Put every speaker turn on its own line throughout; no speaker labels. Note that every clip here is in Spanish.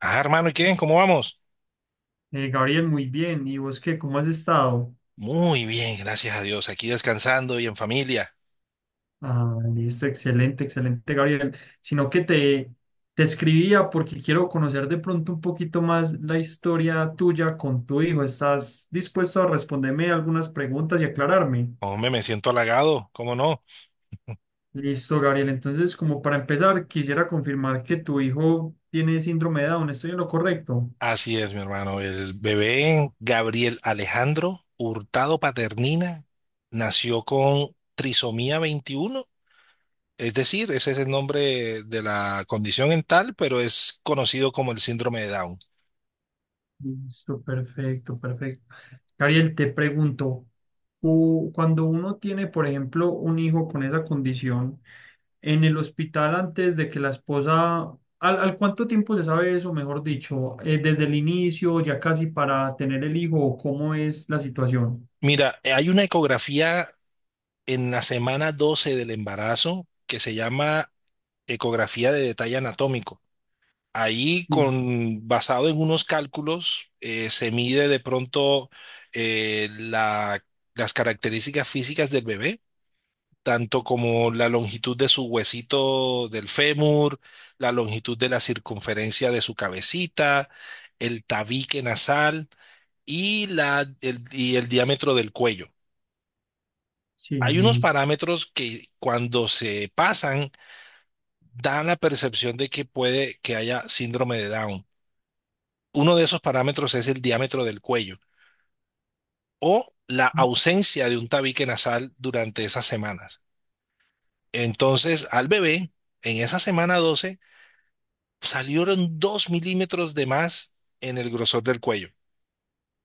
Ah, hermano, ¿y qué? ¿Cómo vamos?
Gabriel, muy bien. ¿Y vos qué? ¿Cómo has estado?
Muy bien, gracias a Dios. Aquí descansando y en familia.
Ah, listo, excelente, excelente, Gabriel. Sino que te, te escribía porque quiero conocer de pronto un poquito más la historia tuya con tu hijo. ¿Estás dispuesto a responderme algunas preguntas y aclararme?
Hombre, me siento halagado, ¿cómo no?
Listo, Gabriel. Entonces, como para empezar, quisiera confirmar que tu hijo tiene síndrome de Down. ¿Estoy en lo correcto?
Así es, mi hermano. El bebé Gabriel Alejandro Hurtado Paternina nació con trisomía veintiuno. Es decir, ese es el nombre de la condición en tal, pero es conocido como el síndrome de Down.
Listo, perfecto, perfecto. Gabriel, te pregunto, cuando uno tiene, por ejemplo, un hijo con esa condición en el hospital antes de que la esposa, ¿al cuánto tiempo se sabe eso, mejor dicho? ¿Desde el inicio, ya casi para tener el hijo, o cómo es la situación?
Mira, hay una ecografía en la semana 12 del embarazo que se llama ecografía de detalle anatómico. Ahí,
Sí,
con, basado en unos cálculos, se mide de pronto eh, la- las características físicas del bebé, tanto como la longitud de su huesito del fémur, la longitud de la circunferencia de su cabecita, el tabique nasal y, el diámetro del cuello.
sí,
Hay unos
listo,
parámetros que cuando se pasan dan la percepción de que puede que haya síndrome de Down. Uno de esos parámetros es el diámetro del cuello o la ausencia de un tabique nasal durante esas semanas. Entonces, al bebé, en esa semana 12, salieron 2 milímetros de más en el grosor del cuello.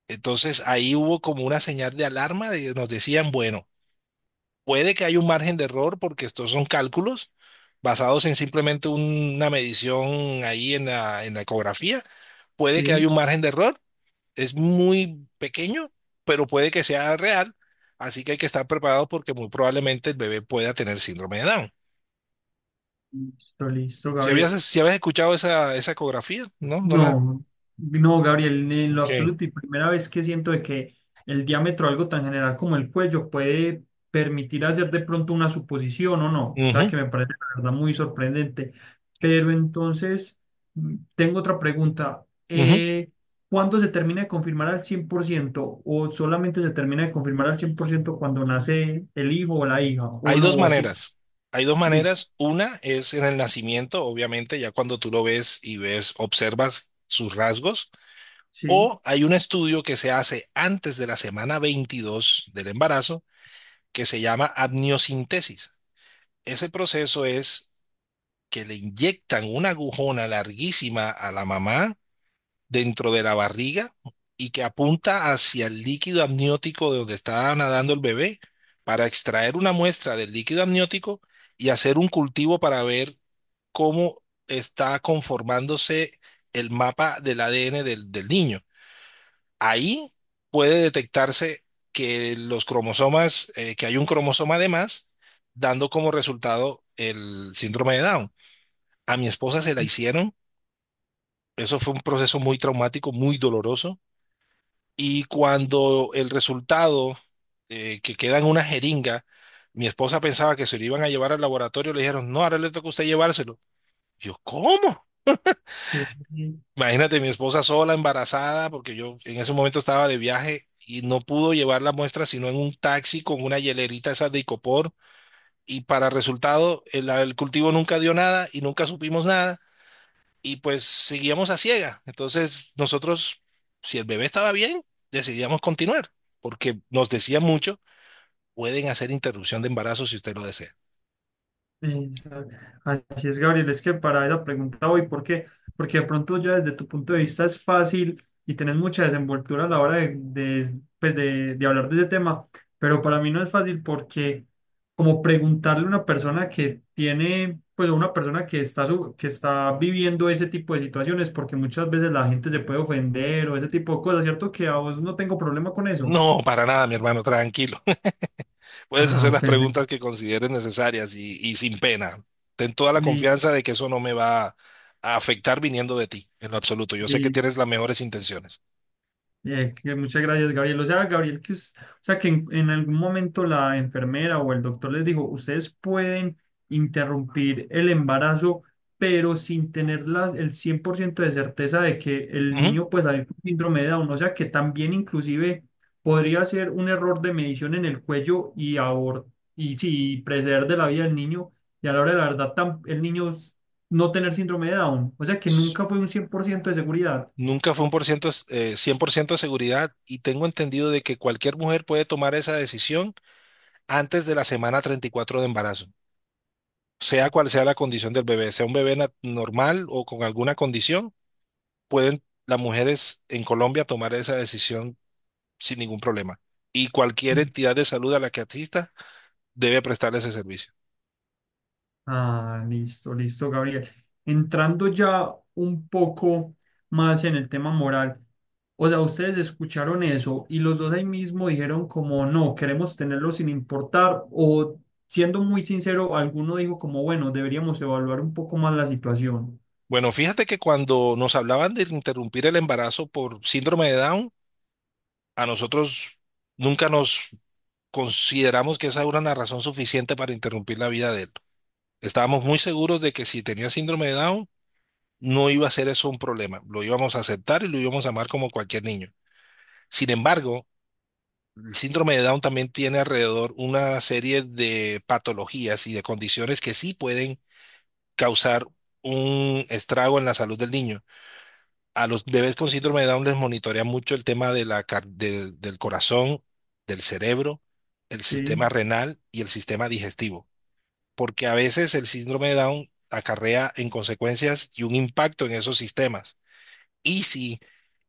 Entonces, ahí hubo como una señal de alarma de que nos decían, bueno, puede que haya un margen de error porque estos son cálculos basados en simplemente una medición ahí en la ecografía. Puede que haya
sí,
un margen de error, es muy pequeño, pero puede que sea real, así que hay que estar preparado porque muy probablemente el bebé pueda tener síndrome de Down.
listo, listo,
Si
Gabriel.
habías, si habías escuchado esa, esa ecografía, ¿no? No la...
No, no, Gabriel, en lo
Ok.
absoluto y primera vez que siento de que el diámetro, algo tan general como el cuello, puede permitir hacer de pronto una suposición o no. O sea,
Ujú,
que me parece la verdad muy sorprendente. Pero entonces, tengo otra pregunta.
ujú.
¿Cuándo se termina de confirmar al 100% o solamente se termina de confirmar al 100% cuando nace el hijo o la hija? ¿O
Hay
no?
dos
¿O siempre?
maneras. Hay dos
Listo.
maneras. Una es en el nacimiento, obviamente, ya cuando tú lo ves y ves, observas sus rasgos.
Sí.
O hay un estudio que se hace antes de la semana 22 del embarazo que se llama amniocentesis. Ese proceso es que le inyectan una agujona larguísima a la mamá dentro de la barriga y que apunta hacia el líquido amniótico de donde está nadando el bebé para extraer una muestra del líquido amniótico y hacer un cultivo para ver cómo está conformándose el mapa del ADN del niño. Ahí puede detectarse que los cromosomas, que hay un cromosoma de más, dando como resultado el síndrome de Down. A mi esposa se la hicieron. Eso fue un proceso muy traumático, muy doloroso. Y cuando el resultado, que queda en una jeringa, mi esposa pensaba que se lo iban a llevar al laboratorio, le dijeron, no, ahora le toca a usted llevárselo. Yo, ¿cómo?
Sí.
Imagínate, mi esposa sola, embarazada, porque yo en ese momento estaba de viaje y no pudo llevar la muestra sino en un taxi con una hielerita esa de Icopor. Y para resultado, el cultivo nunca dio nada y nunca supimos nada. Y pues seguíamos a ciega. Entonces nosotros, si el bebé estaba bien, decidíamos continuar, porque nos decía mucho, pueden hacer interrupción de embarazo si usted lo desea.
Exacto. Así es, Gabriel, es que para esa pregunta voy, ¿por qué? Porque de pronto ya desde tu punto de vista es fácil y tenés mucha desenvoltura a la hora pues, de hablar de ese tema, pero para mí no es fácil porque como preguntarle a una persona que tiene, pues a una persona que está, que está viviendo ese tipo de situaciones, porque muchas veces la gente se puede ofender o ese tipo de cosas, ¿cierto? Que a vos no tengo problema con eso.
No, para nada, mi hermano, tranquilo. Puedes hacer
Ah,
las preguntas
perfecto.
que consideres necesarias y sin pena. Ten toda la confianza de que eso no me va a afectar viniendo de ti, en lo absoluto. Yo sé que tienes
Listo.
las mejores intenciones.
Que muchas gracias, Gabriel. O sea, Gabriel, o sea, en algún momento la enfermera o el doctor les dijo, ustedes pueden interrumpir el embarazo, pero sin tener el 100% de certeza de que el
Ujú.
niño puede salir con síndrome de Down. O sea, que también inclusive podría ser un error de medición en el cuello y, y sí, preceder de la vida del niño. Y a la hora de la verdad, el niño no tener síndrome de Down. O sea, que nunca fue un 100% de seguridad.
Nunca fue un por ciento, 100% de seguridad y tengo entendido de que cualquier mujer puede tomar esa decisión antes de la semana 34 de embarazo, sea cual sea la condición del bebé, sea un bebé normal o con alguna condición, pueden las mujeres en Colombia tomar esa decisión sin ningún problema. Y cualquier entidad de salud a la que asista debe prestarle ese servicio.
Ah, listo, listo, Gabriel. Entrando ya un poco más en el tema moral, o sea, ustedes escucharon eso y los dos ahí mismo dijeron como no, queremos tenerlo sin importar o siendo muy sincero, alguno dijo como bueno, deberíamos evaluar un poco más la situación.
Bueno, fíjate que cuando nos hablaban de interrumpir el embarazo por síndrome de Down, a nosotros nunca nos consideramos que esa era una razón suficiente para interrumpir la vida de él. Estábamos muy seguros de que si tenía síndrome de Down, no iba a ser eso un problema. Lo íbamos a aceptar y lo íbamos a amar como cualquier niño. Sin embargo, el síndrome de Down también tiene alrededor una serie de patologías y de condiciones que sí pueden causar un estrago en la salud del niño. A los bebés con síndrome de Down les monitorea mucho el tema de la car- del del corazón, del cerebro, el
Sí.
sistema renal y el sistema digestivo, porque a veces el síndrome de Down acarrea en consecuencias y un impacto en esos sistemas. Y si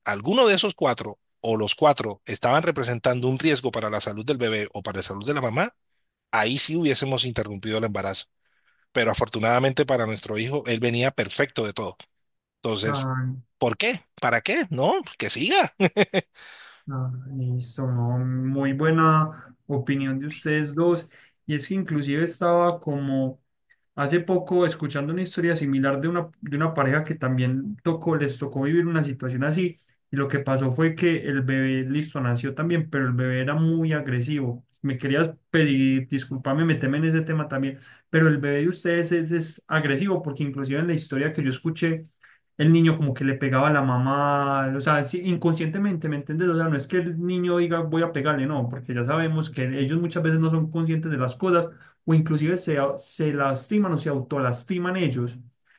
alguno de esos cuatro o los cuatro estaban representando un riesgo para la salud del bebé o para la salud de la mamá, ahí sí hubiésemos interrumpido el embarazo. Pero afortunadamente para nuestro hijo, él venía perfecto de todo. Entonces,
Ah,
¿por qué? ¿Para qué? No, que siga.
ah, listo, no, muy buena opinión de ustedes dos. Y es que inclusive estaba como hace poco, escuchando una historia similar de una pareja que también tocó, les tocó vivir una situación así, y lo que pasó fue que el bebé, listo, nació también, pero el bebé era muy agresivo. Me querías pedir, disculpame, meterme en ese tema también, pero el bebé de ustedes es agresivo, porque inclusive en la historia que yo escuché, el niño como que le pegaba a la mamá, o sea, sí, inconscientemente, ¿me entiendes? O sea, no es que el niño diga voy a pegarle, no, porque ya sabemos que ellos muchas veces no son conscientes de las cosas o inclusive se, se lastiman o se autolastiman ellos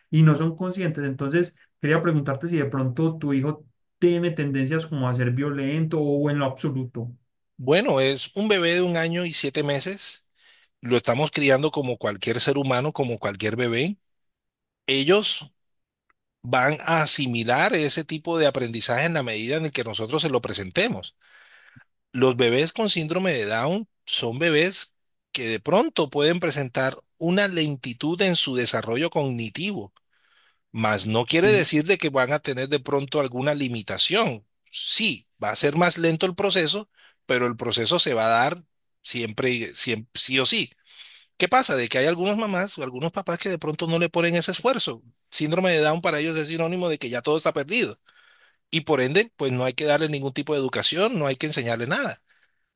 y no son conscientes. Entonces, quería preguntarte si de pronto tu hijo tiene tendencias como a ser violento o en lo absoluto.
Bueno, es un bebé de un año y siete meses. Lo estamos criando como cualquier ser humano, como cualquier bebé. Ellos van a asimilar ese tipo de aprendizaje en la medida en que nosotros se lo presentemos. Los bebés con síndrome de Down son bebés que de pronto pueden presentar una lentitud en su desarrollo cognitivo, mas no quiere
Sí,
decir de que van a tener de pronto alguna limitación. Sí, va a ser más lento el proceso, pero el proceso se va a dar siempre, siempre sí o sí. ¿Qué pasa? De que hay algunas mamás o algunos papás que de pronto no le ponen ese esfuerzo. Síndrome de Down para ellos es sinónimo de que ya todo está perdido y por ende, pues no hay que darle ningún tipo de educación, no hay que enseñarle nada.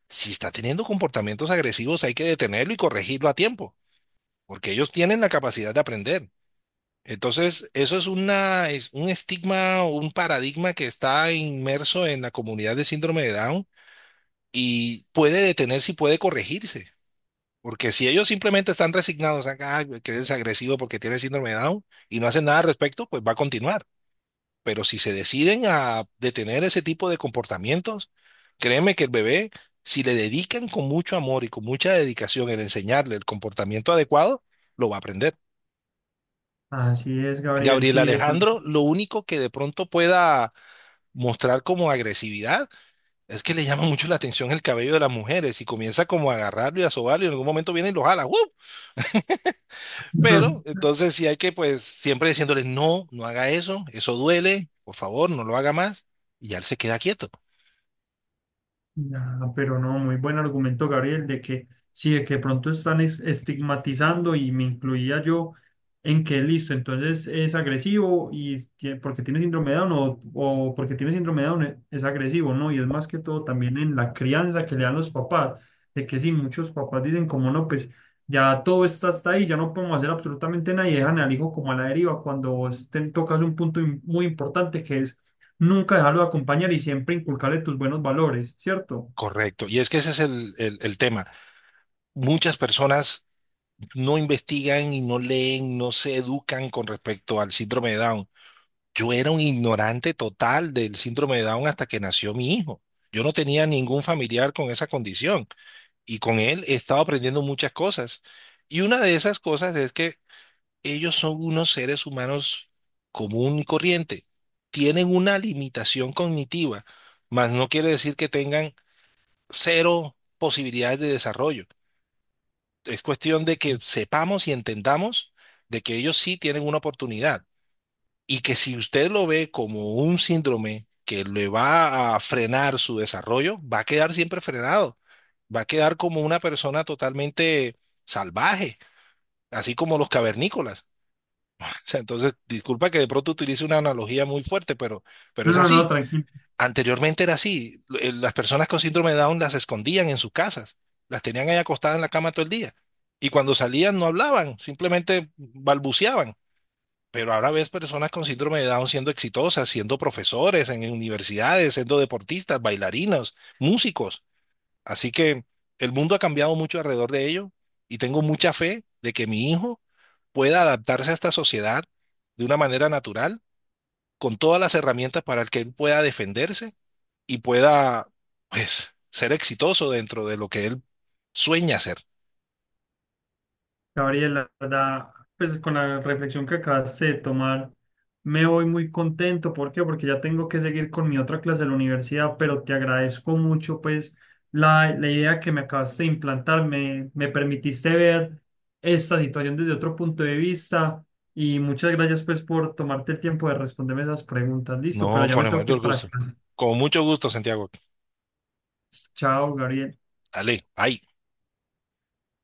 Si está teniendo comportamientos agresivos, hay que detenerlo y corregirlo a tiempo, porque ellos tienen la capacidad de aprender. Entonces, eso es una, es un estigma o un paradigma que está inmerso en la comunidad de síndrome de Down y puede detenerse y puede corregirse. Porque si ellos simplemente están resignados a que eres agresivo porque tienes síndrome de Down y no hacen nada al respecto, pues va a continuar. Pero si se deciden a detener ese tipo de comportamientos, créeme que el bebé, si le dedican con mucho amor y con mucha dedicación el enseñarle el comportamiento adecuado, lo va a aprender.
así es, Gabriel,
Gabriel
sí, de pronto.
Alejandro, lo único que de pronto pueda mostrar como agresividad es que le llama mucho la atención el cabello de las mujeres y comienza como a agarrarlo y a sobarlo y en algún momento viene y lo jala. ¡Uh! Pero entonces sí hay que pues siempre diciéndole, no, no haga eso, eso duele, por favor, no lo haga más. Y ya él se queda quieto.
Ya, pero no, muy buen argumento, Gabriel, de que sí, de que pronto están estigmatizando y me incluía yo en que listo, entonces es agresivo y porque tiene síndrome de Down o porque tiene síndrome de Down es agresivo, ¿no? Y es más que todo también en la crianza que le dan los papás, de que sí, muchos papás dicen como no, pues ya todo está hasta ahí, ya no podemos hacer absolutamente nada y dejan al hijo como a la deriva cuando vos te tocas un punto muy importante que es nunca dejarlo de acompañar y siempre inculcarle tus buenos valores, ¿cierto?
Correcto. Y es que ese es el tema. Muchas personas no investigan y no leen, no se educan con respecto al síndrome de Down. Yo era un ignorante total del síndrome de Down hasta que nació mi hijo. Yo no tenía ningún familiar con esa condición y con él he estado aprendiendo muchas cosas. Y una de esas cosas es que ellos son unos seres humanos común y corriente. Tienen una limitación cognitiva, mas no quiere decir que tengan cero posibilidades de desarrollo. Es cuestión de que sepamos y entendamos de que ellos sí tienen una oportunidad y que si usted lo ve como un síndrome que le va a frenar su desarrollo, va a quedar siempre frenado, va a quedar como una persona totalmente salvaje, así como los cavernícolas. O sea, entonces, disculpa que de pronto utilice una analogía muy fuerte, pero
No,
es
no, no,
así.
tranquilo.
Anteriormente era así. Las personas con síndrome de Down las escondían en sus casas, las tenían ahí acostadas en la cama todo el día. Y cuando salían no hablaban, simplemente balbuceaban. Pero ahora ves personas con síndrome de Down siendo exitosas, siendo profesores en universidades, siendo deportistas, bailarinos, músicos. Así que el mundo ha cambiado mucho alrededor de ello y tengo mucha fe de que mi hijo pueda adaptarse a esta sociedad de una manera natural, con todas las herramientas para que él pueda defenderse y pueda, pues, ser exitoso dentro de lo que él sueña hacer.
Gabriela, la verdad, pues con la reflexión que acabaste de tomar, me voy muy contento. ¿Por qué? Porque ya tengo que seguir con mi otra clase de la universidad, pero te agradezco mucho, pues, la idea que me acabaste de implantar. Me permitiste ver esta situación desde otro punto de vista y muchas gracias, pues, por tomarte el tiempo de responderme esas preguntas. Listo, pero
No,
ya
con
me
el
tengo que
mayor
ir para
gusto.
clase.
Con mucho gusto, Santiago.
Chao, Gabriel.
Dale, bye.